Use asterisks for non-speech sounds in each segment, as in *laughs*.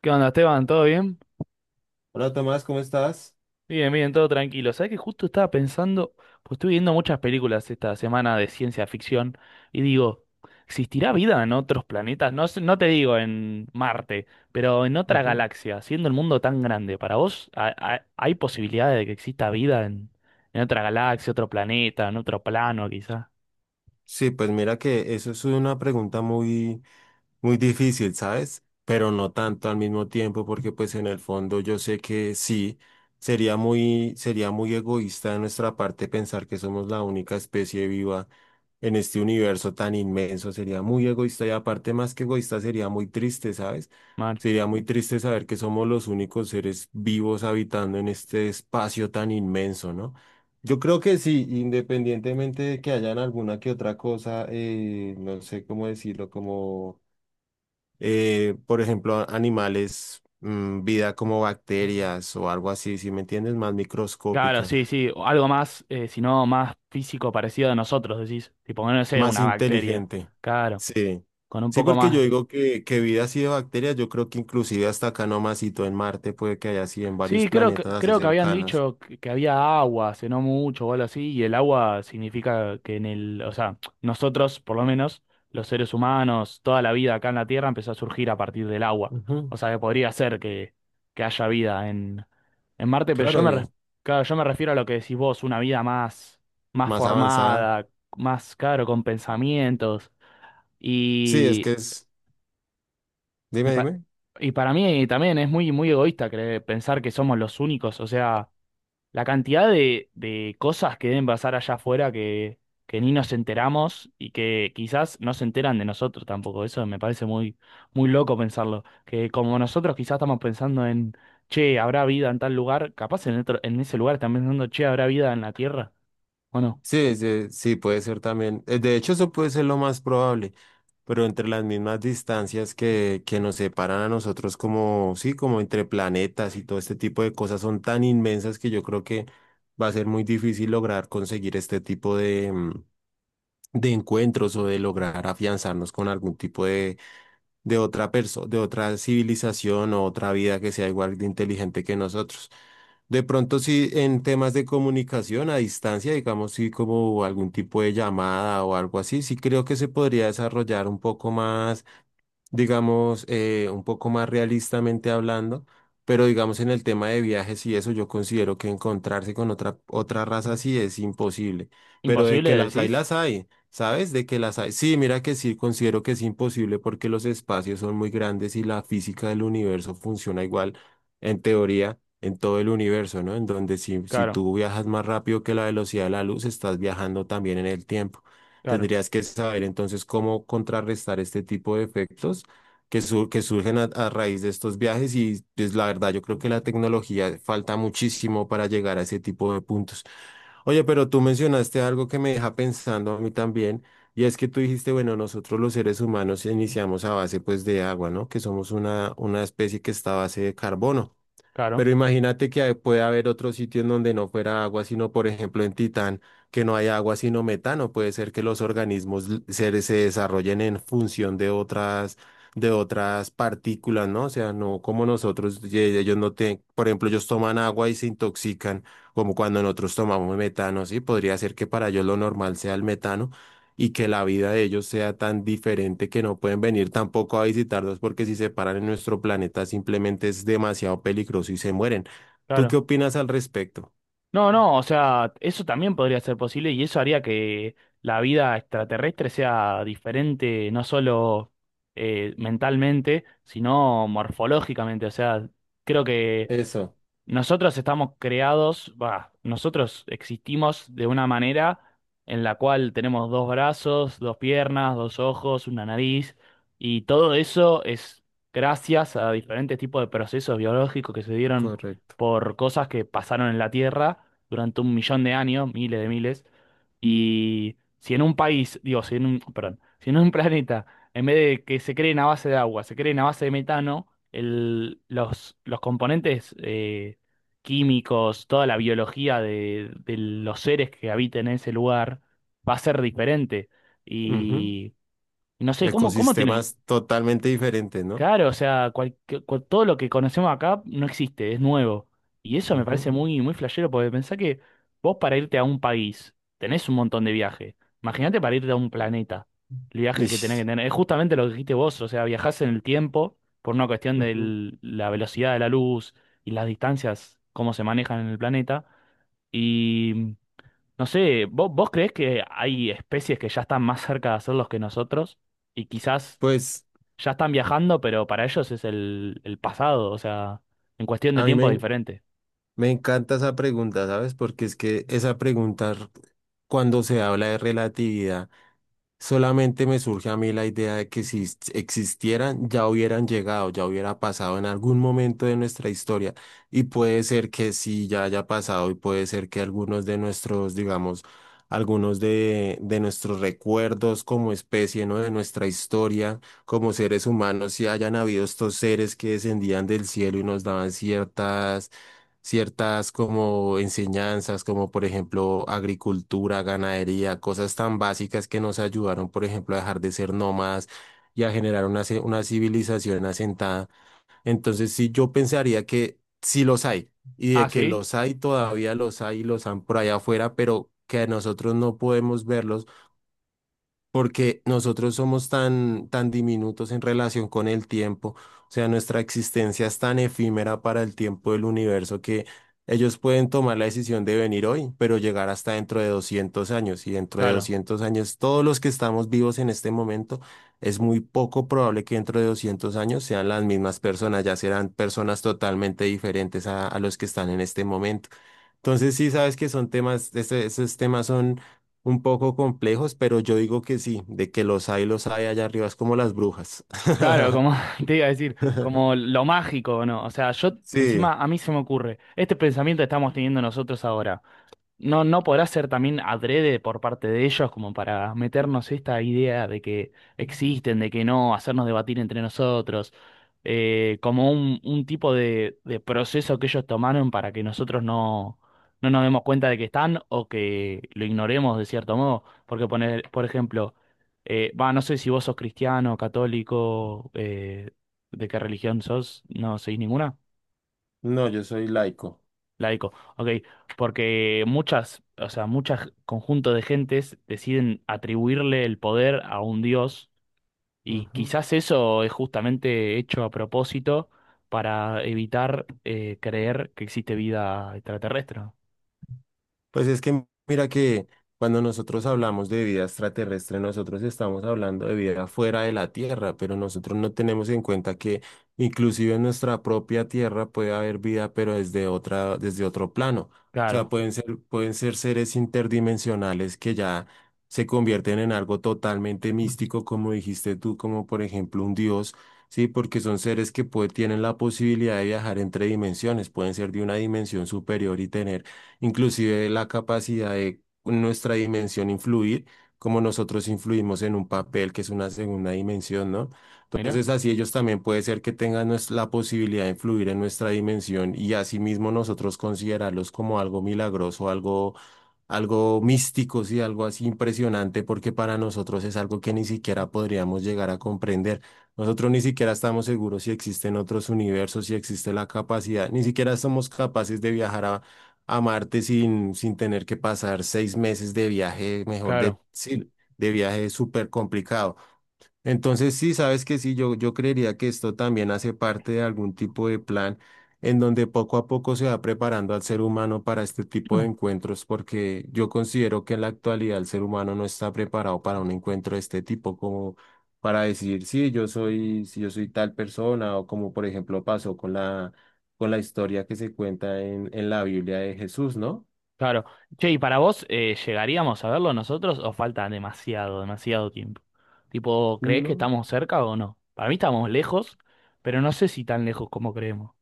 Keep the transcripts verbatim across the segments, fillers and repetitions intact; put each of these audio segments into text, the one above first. ¿Qué onda, Esteban? ¿Todo bien? Hola Tomás, ¿cómo estás? Bien, bien, todo tranquilo. ¿Sabés que justo estaba pensando, pues estuve viendo muchas películas esta semana de ciencia ficción y digo, ¿existirá vida en otros planetas? No, sé- no te digo en Marte, pero en otra Ujú. galaxia, siendo el mundo tan grande, ¿para vos ha- ha- hay posibilidades de que exista vida en, en otra galaxia, otro planeta, en otro plano quizá? Sí, pues mira que eso es una pregunta muy, muy difícil, ¿sabes? Pero no tanto al mismo tiempo, porque pues en el fondo yo sé que sí, sería muy, sería muy egoísta de nuestra parte pensar que somos la única especie viva en este universo tan inmenso. Sería muy egoísta y aparte más que egoísta sería muy triste, ¿sabes? Mal. Sería muy triste saber que somos los únicos seres vivos habitando en este espacio tan inmenso, ¿no? Yo creo que sí, independientemente de que hayan alguna que otra cosa, eh, no sé cómo decirlo, como eh, por ejemplo, animales, mm, vida como bacterias o algo así, si me entiendes, más Claro, microscópica, sí, sí, o algo más, eh, si no más físico parecido a nosotros, decís, tipo, no sé, más una bacteria. inteligente. Claro, Sí. con un Sí, poco porque yo más. digo que, que vida así de bacterias, yo creo que inclusive hasta acá nomasito en Marte puede que haya así en varios Sí, creo que, planetas así creo que habían cercanos. dicho que, que había agua, hace no mucho o algo así, y el agua significa que en el, o sea, nosotros, por lo menos, los seres humanos, toda la vida acá en la Tierra empezó a surgir a partir del agua. Ujú. O sea, que podría ser que, que haya vida en, en Marte, pero yo Claro, me, y re- claro, yo me refiero a lo que decís vos, una vida más, más más avanzada. formada, más, claro, con pensamientos. Sí, es que Y, es, dime, y, pa- dime. y para mí también es muy, muy egoísta creer- pensar que somos los únicos, o sea la cantidad de, de cosas que deben pasar allá afuera que, que ni nos enteramos y que quizás no se enteran de nosotros tampoco. Eso me parece muy, muy loco pensarlo. Que como nosotros quizás estamos pensando en, che, habrá vida en tal lugar, capaz en otro- en ese lugar están pensando, che, habrá vida en la Tierra. Bueno, Sí, sí, sí, puede ser también. eh, De hecho, eso puede ser lo más probable, pero entre las mismas distancias que, que nos separan a nosotros como, sí, como entre planetas y todo este tipo de cosas son tan inmensas que yo creo que va a ser muy difícil lograr conseguir este tipo de, mm, de encuentros o de lograr afianzarnos con algún tipo de, de otra persona, de otra civilización o otra vida que sea igual de inteligente que nosotros. De pronto sí, en temas de comunicación a distancia, digamos, sí, como algún tipo de llamada o algo así, sí creo que se podría desarrollar un poco más digamos, eh, un poco más realistamente hablando, pero digamos en el tema de viajes y eso, yo considero que encontrarse con otra, otra raza sí es imposible, pero de imposible que las hay, decís. las hay, ¿sabes? De que las hay. Sí, mira que sí, considero que es imposible porque los espacios son muy grandes y la física del universo funciona igual, en teoría. En todo el universo, ¿no? En donde si, si Claro, tú viajas más rápido que la velocidad de la luz, estás viajando también en el tiempo. claro, Tendrías que saber entonces cómo contrarrestar este tipo de efectos que, sur- que surgen a, a raíz de estos viajes y pues la verdad yo creo que la tecnología falta muchísimo para llegar a ese tipo de puntos. Oye, pero tú mencionaste algo que me deja pensando a mí también y es que tú dijiste, bueno, nosotros los seres humanos iniciamos a base pues de agua, ¿no? Que somos una, una especie que está a base de carbono. claro, Pero imagínate que hay- puede haber otro sitio en donde no fuera agua, sino por ejemplo en Titán, que no hay agua sino metano. Puede ser que los organismos l- se, se desarrollen en función de otras, de otras partículas, ¿no? O sea, no como nosotros, ye- ellos no tienen, por ejemplo, ellos toman agua y se intoxican, como cuando nosotros tomamos metano, ¿sí? Podría ser que para ellos lo normal sea el metano y que la vida de ellos sea tan diferente que no pueden venir tampoco a visitarlos porque si se paran en nuestro planeta simplemente es demasiado peligroso y se mueren. ¿Tú qué claro. opinas al respecto? No, no, o sea, eso también podría ser posible y eso haría que la vida extraterrestre sea diferente, no solo eh, mentalmente, sino morfológicamente. O sea, creo que Eso, nosotros estamos creados, va, nosotros existimos de una manera en la cual tenemos dos brazos, dos piernas, dos ojos, una nariz, y todo eso es gracias a diferentes tipos de procesos biológicos que se dieron correcto. por cosas que pasaron en la Tierra durante un millón de años, miles de miles. Y si en un país, digo, si en un, perdón, si en un *laughs* planeta, en vez de que se creen a base de agua, se creen a base de metano, el- los, los componentes eh, químicos, toda la biología de, de los seres que habiten en ese lugar va a ser diferente. Ujú. Y y no sé, ¿cómo, cómo tenemos? Ecosistemas totalmente diferentes, ¿no? Claro, o sea, cual- que- cual- todo lo que conocemos acá no existe, es nuevo. Y eso me parece Ujú. muy, muy flashero, porque pensá que vos para irte a un país tenés un montón de viajes. Imagínate para irte a un planeta, el viaje que tenés que Ish. tener. Es justamente lo que dijiste vos, o sea, viajás en el tiempo por una cuestión Ujú. de la velocidad de la luz y las distancias, cómo se manejan en el planeta. Y no sé, ¿vos, vos creés que hay especies que ya están más cerca de hacerlos que nosotros? Y quizás Pues ya están viajando, pero para ellos es el, el pasado, o sea, en cuestión de a mí tiempo es me, diferente. me encanta esa pregunta, ¿sabes? Porque es que esa pregunta, r- cuando se habla de relatividad, solamente me surge a mí la idea de que si s- existieran, ya hubieran llegado, ya hubiera pasado en algún momento de nuestra historia. Y puede ser que sí, ya haya pasado y puede ser que algunos de nuestros, digamos, algunos de, de nuestros recuerdos como especie, ¿no? De nuestra historia como seres humanos, si hayan habido estos seres que descendían del cielo y nos daban ciertas ciertas como enseñanzas, como por ejemplo agricultura, ganadería, cosas tan básicas que nos ayudaron, por ejemplo, a dejar de ser nómadas y a generar una, ci- una civilización asentada. Entonces, sí, yo pensaría que sí los hay y Ah, de que sí. los hay, todavía los hay y los han por allá afuera, pero que nosotros no podemos verlos porque nosotros somos tan, tan diminutos en relación con el tiempo, o sea, nuestra existencia es tan efímera para el tiempo del universo que ellos pueden tomar la decisión de venir hoy, pero llegar hasta dentro de doscientos años, y dentro de Claro, doscientos años, todos los que estamos vivos en este momento, es muy poco probable que dentro de doscientos años sean las mismas personas, ya serán personas totalmente diferentes a, a los que están en este momento. Entonces sí sabes que son temas, ese- esos temas son un poco complejos, pero yo digo que sí, de que los hay, los hay allá arriba, es como las brujas. claro, *laughs* como *laughs* te iba a decir, como lo mágico, ¿no? O sea, yo encima Sí, a mí se me ocurre, este pensamiento que estamos teniendo nosotros ahora. No, no podrá ser también adrede por parte de ellos como para meternos esta idea de que existen, de que no, hacernos debatir entre nosotros, eh, como un, un tipo de, de proceso que ellos tomaron para que nosotros no, no nos demos cuenta de que están o que lo ignoremos de cierto modo. Porque poner, por ejemplo, eh, va, no sé si vos sos cristiano, católico, eh, de qué religión sos, no sois ninguna. no, yo soy laico. Laico, ok, porque muchas, o sea, muchos conjuntos de gentes deciden atribuirle el poder a un dios y Ujú. quizás eso es justamente hecho a propósito para evitar eh, creer que existe vida extraterrestre. ¿No? Pues es que mira que cuando nosotros hablamos de vida extraterrestre, nosotros estamos hablando de vida fuera de la Tierra, pero nosotros no tenemos en cuenta que inclusive en nuestra propia Tierra puede haber vida, pero desde otra, desde otro plano. O sea, Claro, pueden ser, pueden ser seres interdimensionales que ya se convierten en algo totalmente místico, como dijiste tú, como por ejemplo un dios. Sí, porque son seres que pue- tienen la posibilidad de viajar entre dimensiones, pueden ser de una dimensión superior y tener inclusive la capacidad de nuestra dimensión influir, como nosotros influimos en un papel que es una segunda dimensión, ¿no? mira, Entonces así ellos también puede ser que tengan nues- la posibilidad de influir en nuestra dimensión y asimismo nosotros considerarlos como algo milagroso, algo algo místico, sí, algo así impresionante, porque para nosotros es algo que ni siquiera podríamos llegar a comprender. Nosotros ni siquiera estamos seguros si existen otros universos, si existe la capacidad, ni siquiera somos capaces de viajar a, a Marte sin, sin tener que pasar seis meses de viaje, mejor de, claro. sí, de viaje súper complicado. Entonces, sí, sabes que sí, yo, yo creería que esto también hace parte de algún tipo de plan en donde poco a poco se va preparando al ser humano para este tipo de Mm. encuentros, porque yo considero que en la actualidad el ser humano no está preparado para un encuentro de este tipo, como para decir, sí, yo soy, si yo soy tal persona, o como por ejemplo pasó con la, con la historia que se cuenta en, en la Biblia de Jesús, ¿no? Claro. Che, ¿y para vos eh, llegaríamos a verlo nosotros o falta demasiado, demasiado tiempo? Tipo, ¿crees que No, estamos cerca o no? Para mí estamos lejos, pero no sé si tan lejos como creemos.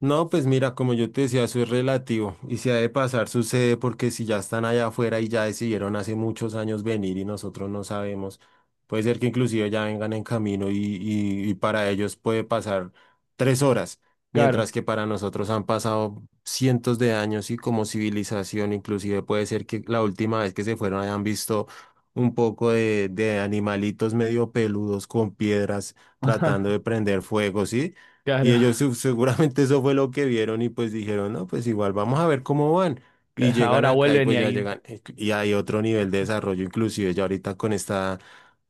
no, pues mira, como yo te decía, eso es relativo y si ha de pasar sucede porque si ya están allá afuera y ya decidieron hace muchos años venir y nosotros no sabemos, puede ser que inclusive ya vengan en camino y, y, y para ellos puede pasar tres horas, Claro. mientras que para nosotros han pasado cientos de años y como civilización inclusive puede ser que la última vez que se fueron hayan visto un poco de, de animalitos medio peludos con piedras tratando *laughs* de prender fuego, ¿sí? Y Claro, ellos su- seguramente eso fue lo que vieron y pues dijeron, no, pues igual vamos a ver cómo van. Y *laughs* llegan ahora acá y vuelven y pues ya ahí, llegan. eh, Y hay otro nivel de desarrollo, inclusive ya ahorita con esta,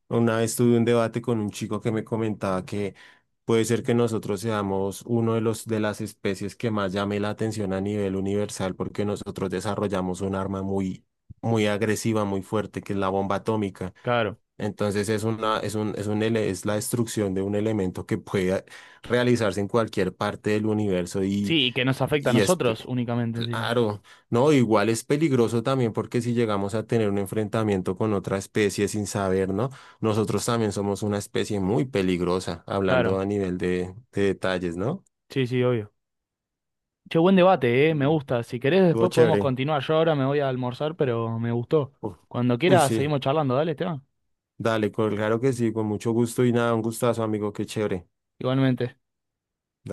una vez tuve un debate con un chico que me comentaba que puede ser que nosotros seamos uno de los de las especies que más llame la atención a nivel universal porque nosotros desarrollamos un arma muy, muy agresiva, muy fuerte, que es la bomba atómica. claro. Entonces es una, es un, es un, ele- es la destrucción de un elemento que puede realizarse en cualquier parte del universo y, Sí, y que nos afecta a y es pe- nosotros únicamente encima. claro, no, igual es peligroso también porque si llegamos a tener un enfrentamiento con otra especie sin saber, ¿no? Nosotros también somos una especie muy peligrosa, hablando Claro, a nivel de, de detalles, ¿no? sí, sí, obvio. Che, buen debate, eh, me Mm. gusta. Si querés Estuvo después podemos chévere. continuar. Yo ahora me voy a almorzar, pero me gustó. Uf. Cuando Uy, quieras sí. seguimos charlando, dale, Esteban. Dale, claro que sí, con mucho gusto y nada, un gustazo, amigo, qué chévere. Igualmente.